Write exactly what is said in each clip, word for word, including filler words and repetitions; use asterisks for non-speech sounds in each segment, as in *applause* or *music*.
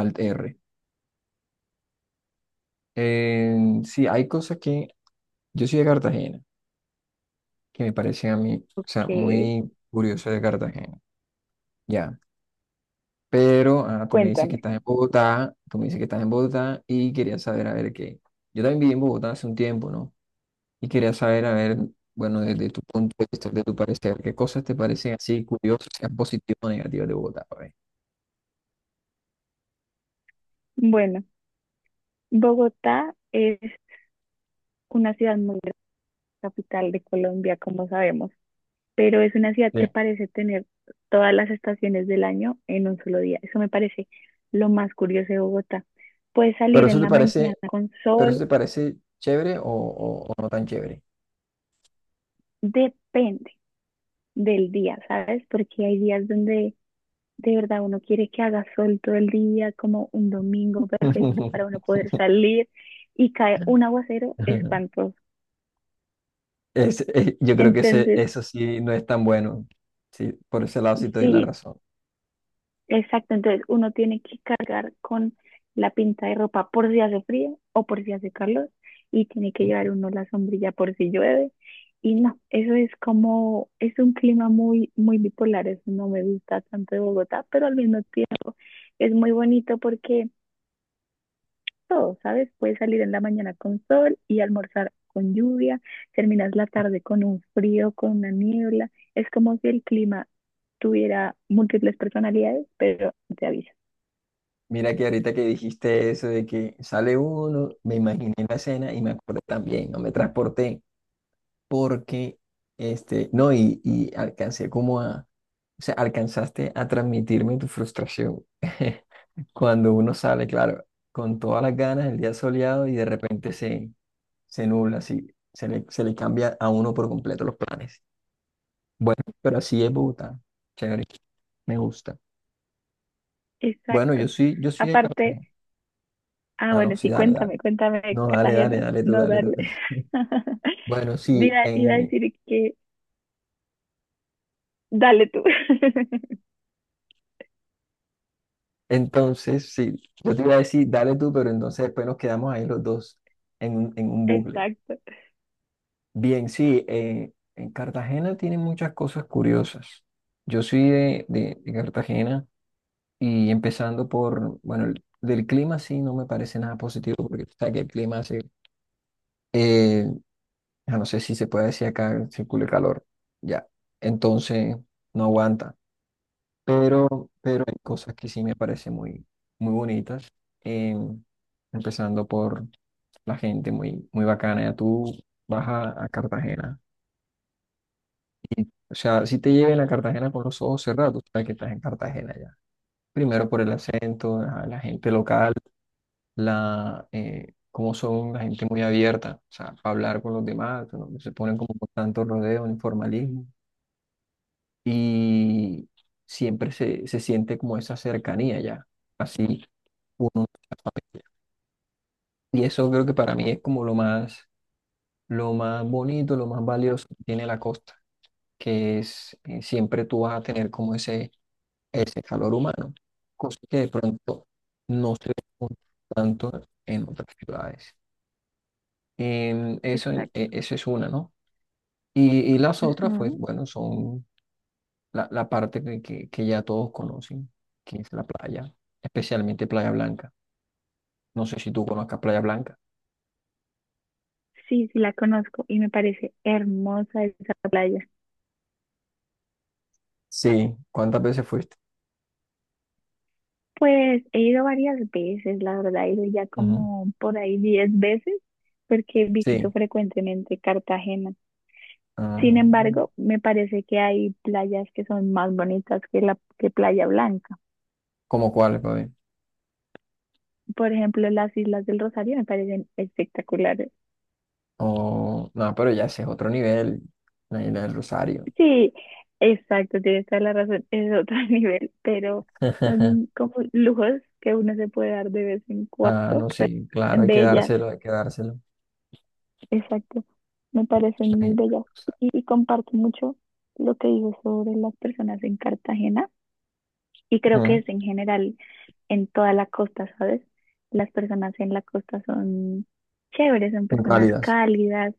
Alt R. Eh, sí, hay cosas que yo soy de Cartagena, que me parecen a mí, o sea, Ok, muy curioso de Cartagena, ya. Pero ah, tú me dices que cuéntame. estás en Bogotá, tú me dices que estás en Bogotá y quería saber, a ver qué. Yo también viví en Bogotá hace un tiempo, ¿no? Y quería saber, a ver, bueno, desde tu punto de vista, de tu parecer, qué cosas te parecen así curiosas, sean positivas o negativas de Bogotá, a ver. Bueno, Bogotá es una ciudad muy grande, capital de Colombia, como sabemos, pero es una ciudad Sí. que parece tener todas las estaciones del año en un solo día. Eso me parece lo más curioso de Bogotá. Puedes Pero salir eso en te la mañana parece, con pero eso sol, te parece chévere o, o o no tan chévere. depende del día, ¿sabes? Porque hay días donde de verdad uno quiere que haga sol todo el día, como un domingo perfecto para uno *laughs* poder salir y cae un aguacero espantoso. Es, eh, yo creo que ese, Entonces, eso sí no es tan bueno. Sí, por ese lado sí te doy la sí, razón. exacto. Entonces uno tiene que cargar con la pinta de ropa por si hace frío o por si hace calor y tiene que Ujú. llevar uno la sombrilla por si llueve. Y no, eso es como, es un clima muy, muy bipolar. Eso no me gusta tanto de Bogotá, pero al mismo tiempo es muy bonito porque todo, ¿sabes? Puedes salir en la mañana con sol y almorzar con lluvia, terminas la tarde con un frío, con una niebla. Es como si el clima tuviera múltiples personalidades, pero te avisa. Mira que ahorita que dijiste eso de que sale uno, me imaginé la escena y me acordé también, no me transporté porque, este, no, y, y alcancé como a, o sea, alcanzaste a transmitirme tu frustración. *laughs* Cuando uno sale, claro, con todas las ganas, el día soleado y de repente se, se nubla, así, se le, se le cambia a uno por completo los planes. Bueno, pero así es Bogotá. Chévere, me gusta. Bueno, yo Exacto. soy, yo soy de Aparte, Cartagena. ah, Ah, no, bueno, sí, sí, dale, dale. cuéntame, cuéntame, No, dale, dale, Cartagena, dale tú, no dale tú. dale. *laughs* *laughs* Bueno, sí, Iba, iba a en, decir que dale tú. *laughs* entonces, sí, yo te iba a decir, dale tú, pero entonces después nos quedamos ahí los dos en, un- en un bucle. Exacto, Bien, sí, eh, en Cartagena tienen muchas cosas curiosas. Yo soy de, de, de Cartagena y empezando por, bueno, el- del clima sí no me parece nada positivo porque tú sabes que el clima hace. eh, Ah, no sé si se puede decir acá, circula el calor, ya. Entonces, no aguanta. Pero, pero hay cosas que sí me parecen muy, muy bonitas. eh, Empezando por la gente muy, muy bacana. Ya tú vas a, a Cartagena. O sea, si te llegan a Cartagena con los ojos cerrados, tú sabes que estás en Cartagena ya. Primero por el acento, ajá, la gente local, la, eh, cómo son la gente muy abierta, o sea, para hablar con los demás, ¿no? Se ponen como con tanto rodeo, informalismo y siempre se, se siente como esa cercanía ya, así uno de la familia. Y eso creo que para mí es como lo más, lo más bonito, lo más valioso que tiene la costa, que es eh, siempre tú vas a tener como ese, ese calor humano, cosa que de pronto no se ve tanto en otras ciudades. Em, eso, en- exacto. e- eso es una, ¿no? Y, y las otras, pues Ujú. bueno, son la, la parte que, que, que ya todos conocen, que es la playa, especialmente Playa Blanca. No sé si tú conozcas Playa Blanca. Sí, sí, la conozco y me parece hermosa esa playa. Sí, ¿cuántas veces fuiste? Pues he ido varias veces, la verdad, he ido ya Ujú. como por ahí diez veces, porque visito Sí. frecuentemente Cartagena. Sin Como. embargo, me parece que hay playas que son más bonitas que la que Playa Blanca. ¿Cómo cuál, papi? Por ejemplo, las Islas del Rosario me parecen espectaculares. O- no, pero ya ese es otro nivel, la isla del Rosario. Sí, exacto, tienes toda la razón, es otro *laughs* nivel, pero son *laughs* como lujos que uno se puede dar de vez en Ah, cuando, no, pero sí, claro, son hay que bellas. dárselo, hay que dárselo. Exacto, me parecen La muy isla del bellas Rosario. y, y comparto mucho lo que digo sobre las personas en Cartagena. Y creo que Ujú. es en general en toda la costa, ¿sabes? Las personas en la costa son chéveres, son Muy personas cálidas. cálidas,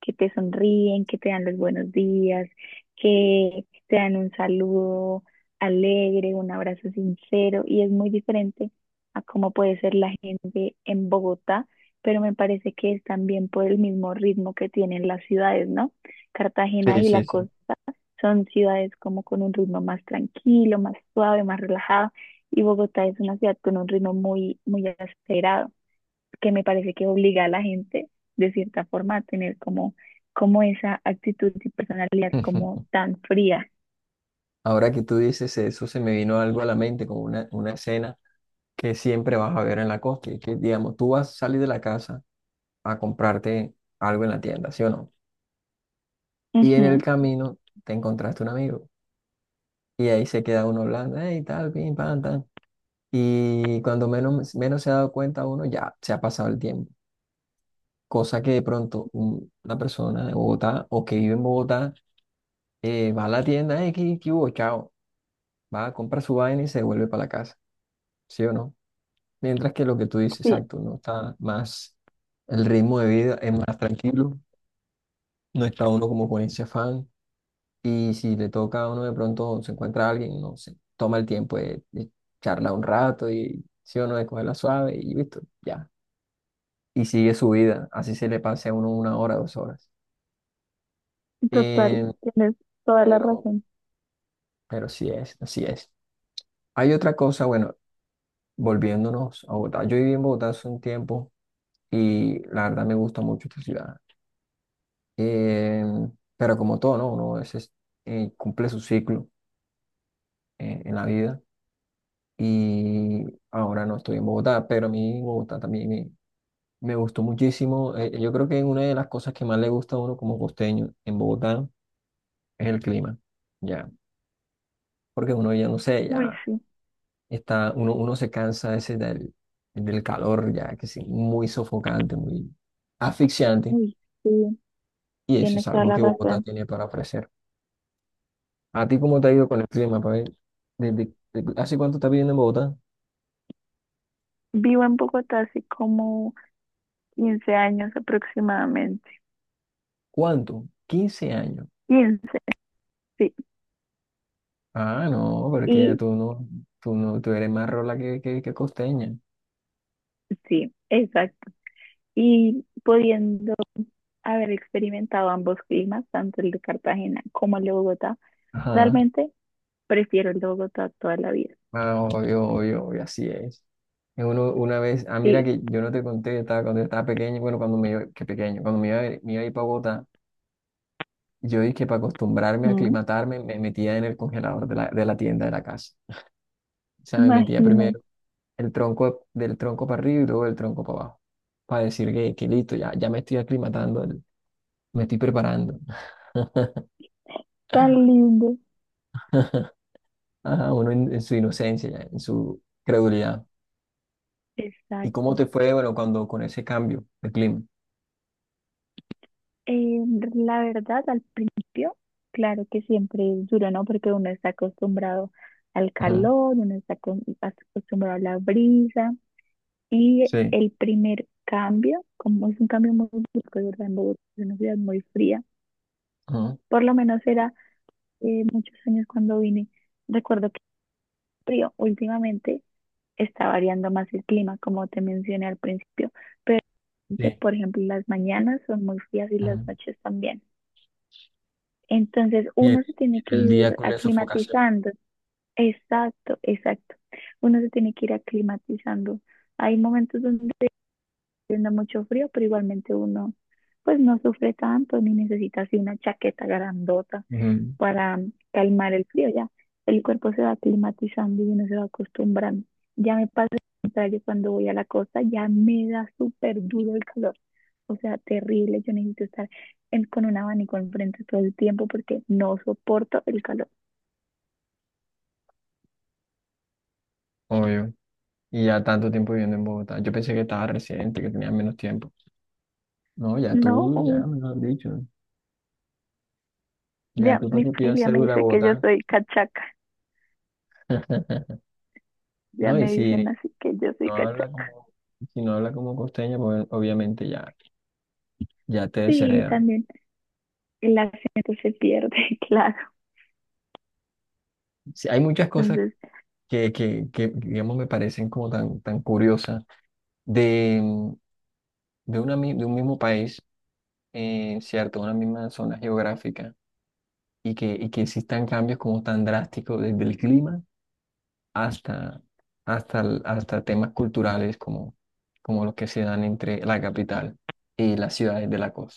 que te sonríen, que te dan los buenos días, que te dan un saludo alegre, un abrazo sincero, y es muy diferente a cómo puede ser la gente en Bogotá, pero me parece que es también por el mismo ritmo que tienen las ciudades, ¿no? Cartagena Sí, y la sí, sí. costa son ciudades como con un ritmo más tranquilo, más suave, más relajado. Y Bogotá es una ciudad con un ritmo muy, muy acelerado, que me parece que obliga a la gente, de cierta forma, a tener como, como esa actitud y personalidad como *laughs* tan fría. Ahora que tú dices eso, se me vino algo a la mente, como una, una escena que siempre vas a ver en la costa. Y que, digamos, tú vas a salir de la casa a comprarte algo en la tienda, ¿sí o no? Y en el Ujú. camino te encontraste un amigo. Y ahí se queda uno hablando, hey, tal, pim, pam, tal. Y cuando menos, menos se ha dado cuenta uno, ya se ha pasado el tiempo. Cosa que de pronto un- una persona de Bogotá o que vive en Bogotá eh, va a la tienda, hey, ¿qué, qué hubo? Chao. Va a comprar su vaina y se vuelve para la casa, ¿sí o no? Mientras que lo que tú dices, Sí, exacto, uno está más, el ritmo de vida es más tranquilo, no está uno como con ese afán, y si le toca a uno de pronto se encuentra alguien, no se toma el tiempo de, de charlar un rato y si uno de cogerla suave y listo, ya. Y sigue su vida, así se le pase a uno una hora, dos horas. Eh, total, tienes toda la pero, razón. pero sí es, así es. Hay otra cosa, bueno, volviéndonos a Bogotá. Yo viví en Bogotá hace un tiempo y la verdad me gusta mucho esta ciudad. Eh, pero como todo, ¿no? Uno a veces eh, cumple su ciclo eh, en la vida, y ahora no estoy en Bogotá, pero a mí Bogotá también me, me gustó muchísimo. Eh, yo creo que una de las cosas que más le gusta a uno como costeño en Bogotá es el clima, ya, porque uno ya no sé, Uy, ya sí, está, uno, uno se cansa ese del, del calor, ya que es muy sofocante, muy asfixiante, uy, sí, y eso es tienes toda algo la que Bogotá razón. tiene para ofrecer. ¿A ti cómo te ha ido con el clima, Pavel? ¿Desde, de- ¿hace cuánto estás viviendo en Bogotá? Vivo en Bogotá hace como quince años aproximadamente. ¿Cuánto? Quince años. Quince, sí. Ah, no, porque ya Y tú no, tú no, tú eres más rola que, que, que costeña. sí, exacto, y pudiendo haber experimentado ambos climas, tanto el de Cartagena como el de Bogotá, Ajá. realmente prefiero el de Bogotá toda la vida. Ah, obvio, obvio, obvio, así es. Y Uno, una vez, ah, mira Sí. que yo no te conté, estaba, cuando estaba pequeño, bueno, cuando me iba, que pequeño, cuando me iba, a- ir- me iba a ir para Bogotá, yo dije que para acostumbrarme a Mm. aclimatarme, me metía en el congelador de la, de la tienda de la casa. O sea, me metía primero Imagínate, el tronco del tronco para arriba y luego el tronco para abajo, para decir que, que listo, ya, ya me estoy aclimatando, me estoy preparando. tan lindo. Ajá, uno en en su inocencia, ya, en su credulidad. ¿Y cómo Exacto. te fue, bueno, cuando con ese cambio de clima? Eh, la verdad, al principio, claro que siempre es duro, ¿no? Porque uno está acostumbrado al Ajá, calor, uno está acon- acostumbrado a la brisa y sí, el primer cambio, como es un cambio muy brusco, ¿verdad? En Bogotá es una ciudad muy fría, ajá, por lo menos era eh, muchos años cuando vine. Recuerdo que frío, últimamente está variando más el clima, como te mencioné al principio, pero te- sí, por ejemplo las mañanas son muy frías y las ajá. noches también. Entonces Y el, uno se tiene y que el día ir con la sofocación. aclimatizando. Exacto, exacto. Uno se tiene que ir aclimatizando. Hay momentos donde está haciendo mucho frío, pero igualmente uno pues no sufre tanto ni necesita así una chaqueta grandota Ajá, para calmar el frío, ya. El cuerpo se va climatizando y uno se va acostumbrando. Ya me pasa lo contrario cuando voy a la costa, ya me da súper duro el calor. O sea, terrible. Yo necesito estar en- con un abanico enfrente todo el tiempo porque no soporto el calor. obvio. Y ya tanto tiempo viviendo en Bogotá. Yo pensé que estaba residente, que tenía menos tiempo. No, ya No, tú, uh, ya me lo has dicho. Ya ya tú para mi que pidas familia me cédula de dice que Bogotá. yo soy cachaca. *laughs* Ya No, y me dicen si así que yo soy no habla cachaca. como, si no habla como costeña, pues obviamente ya, ya te Sí, desheredan. también el acento se pierde, *laughs* claro. Sí, hay muchas cosas Entonces, que, que, que, digamos, me parecen como tan, tan curiosas. de de, una, mi- de un mismo país, eh, ¿cierto? Una misma zona geográfica y que, y que existan cambios como tan drásticos desde el clima hasta, hasta, el- hasta temas culturales como, como los que se dan entre la capital y las ciudades de la costa.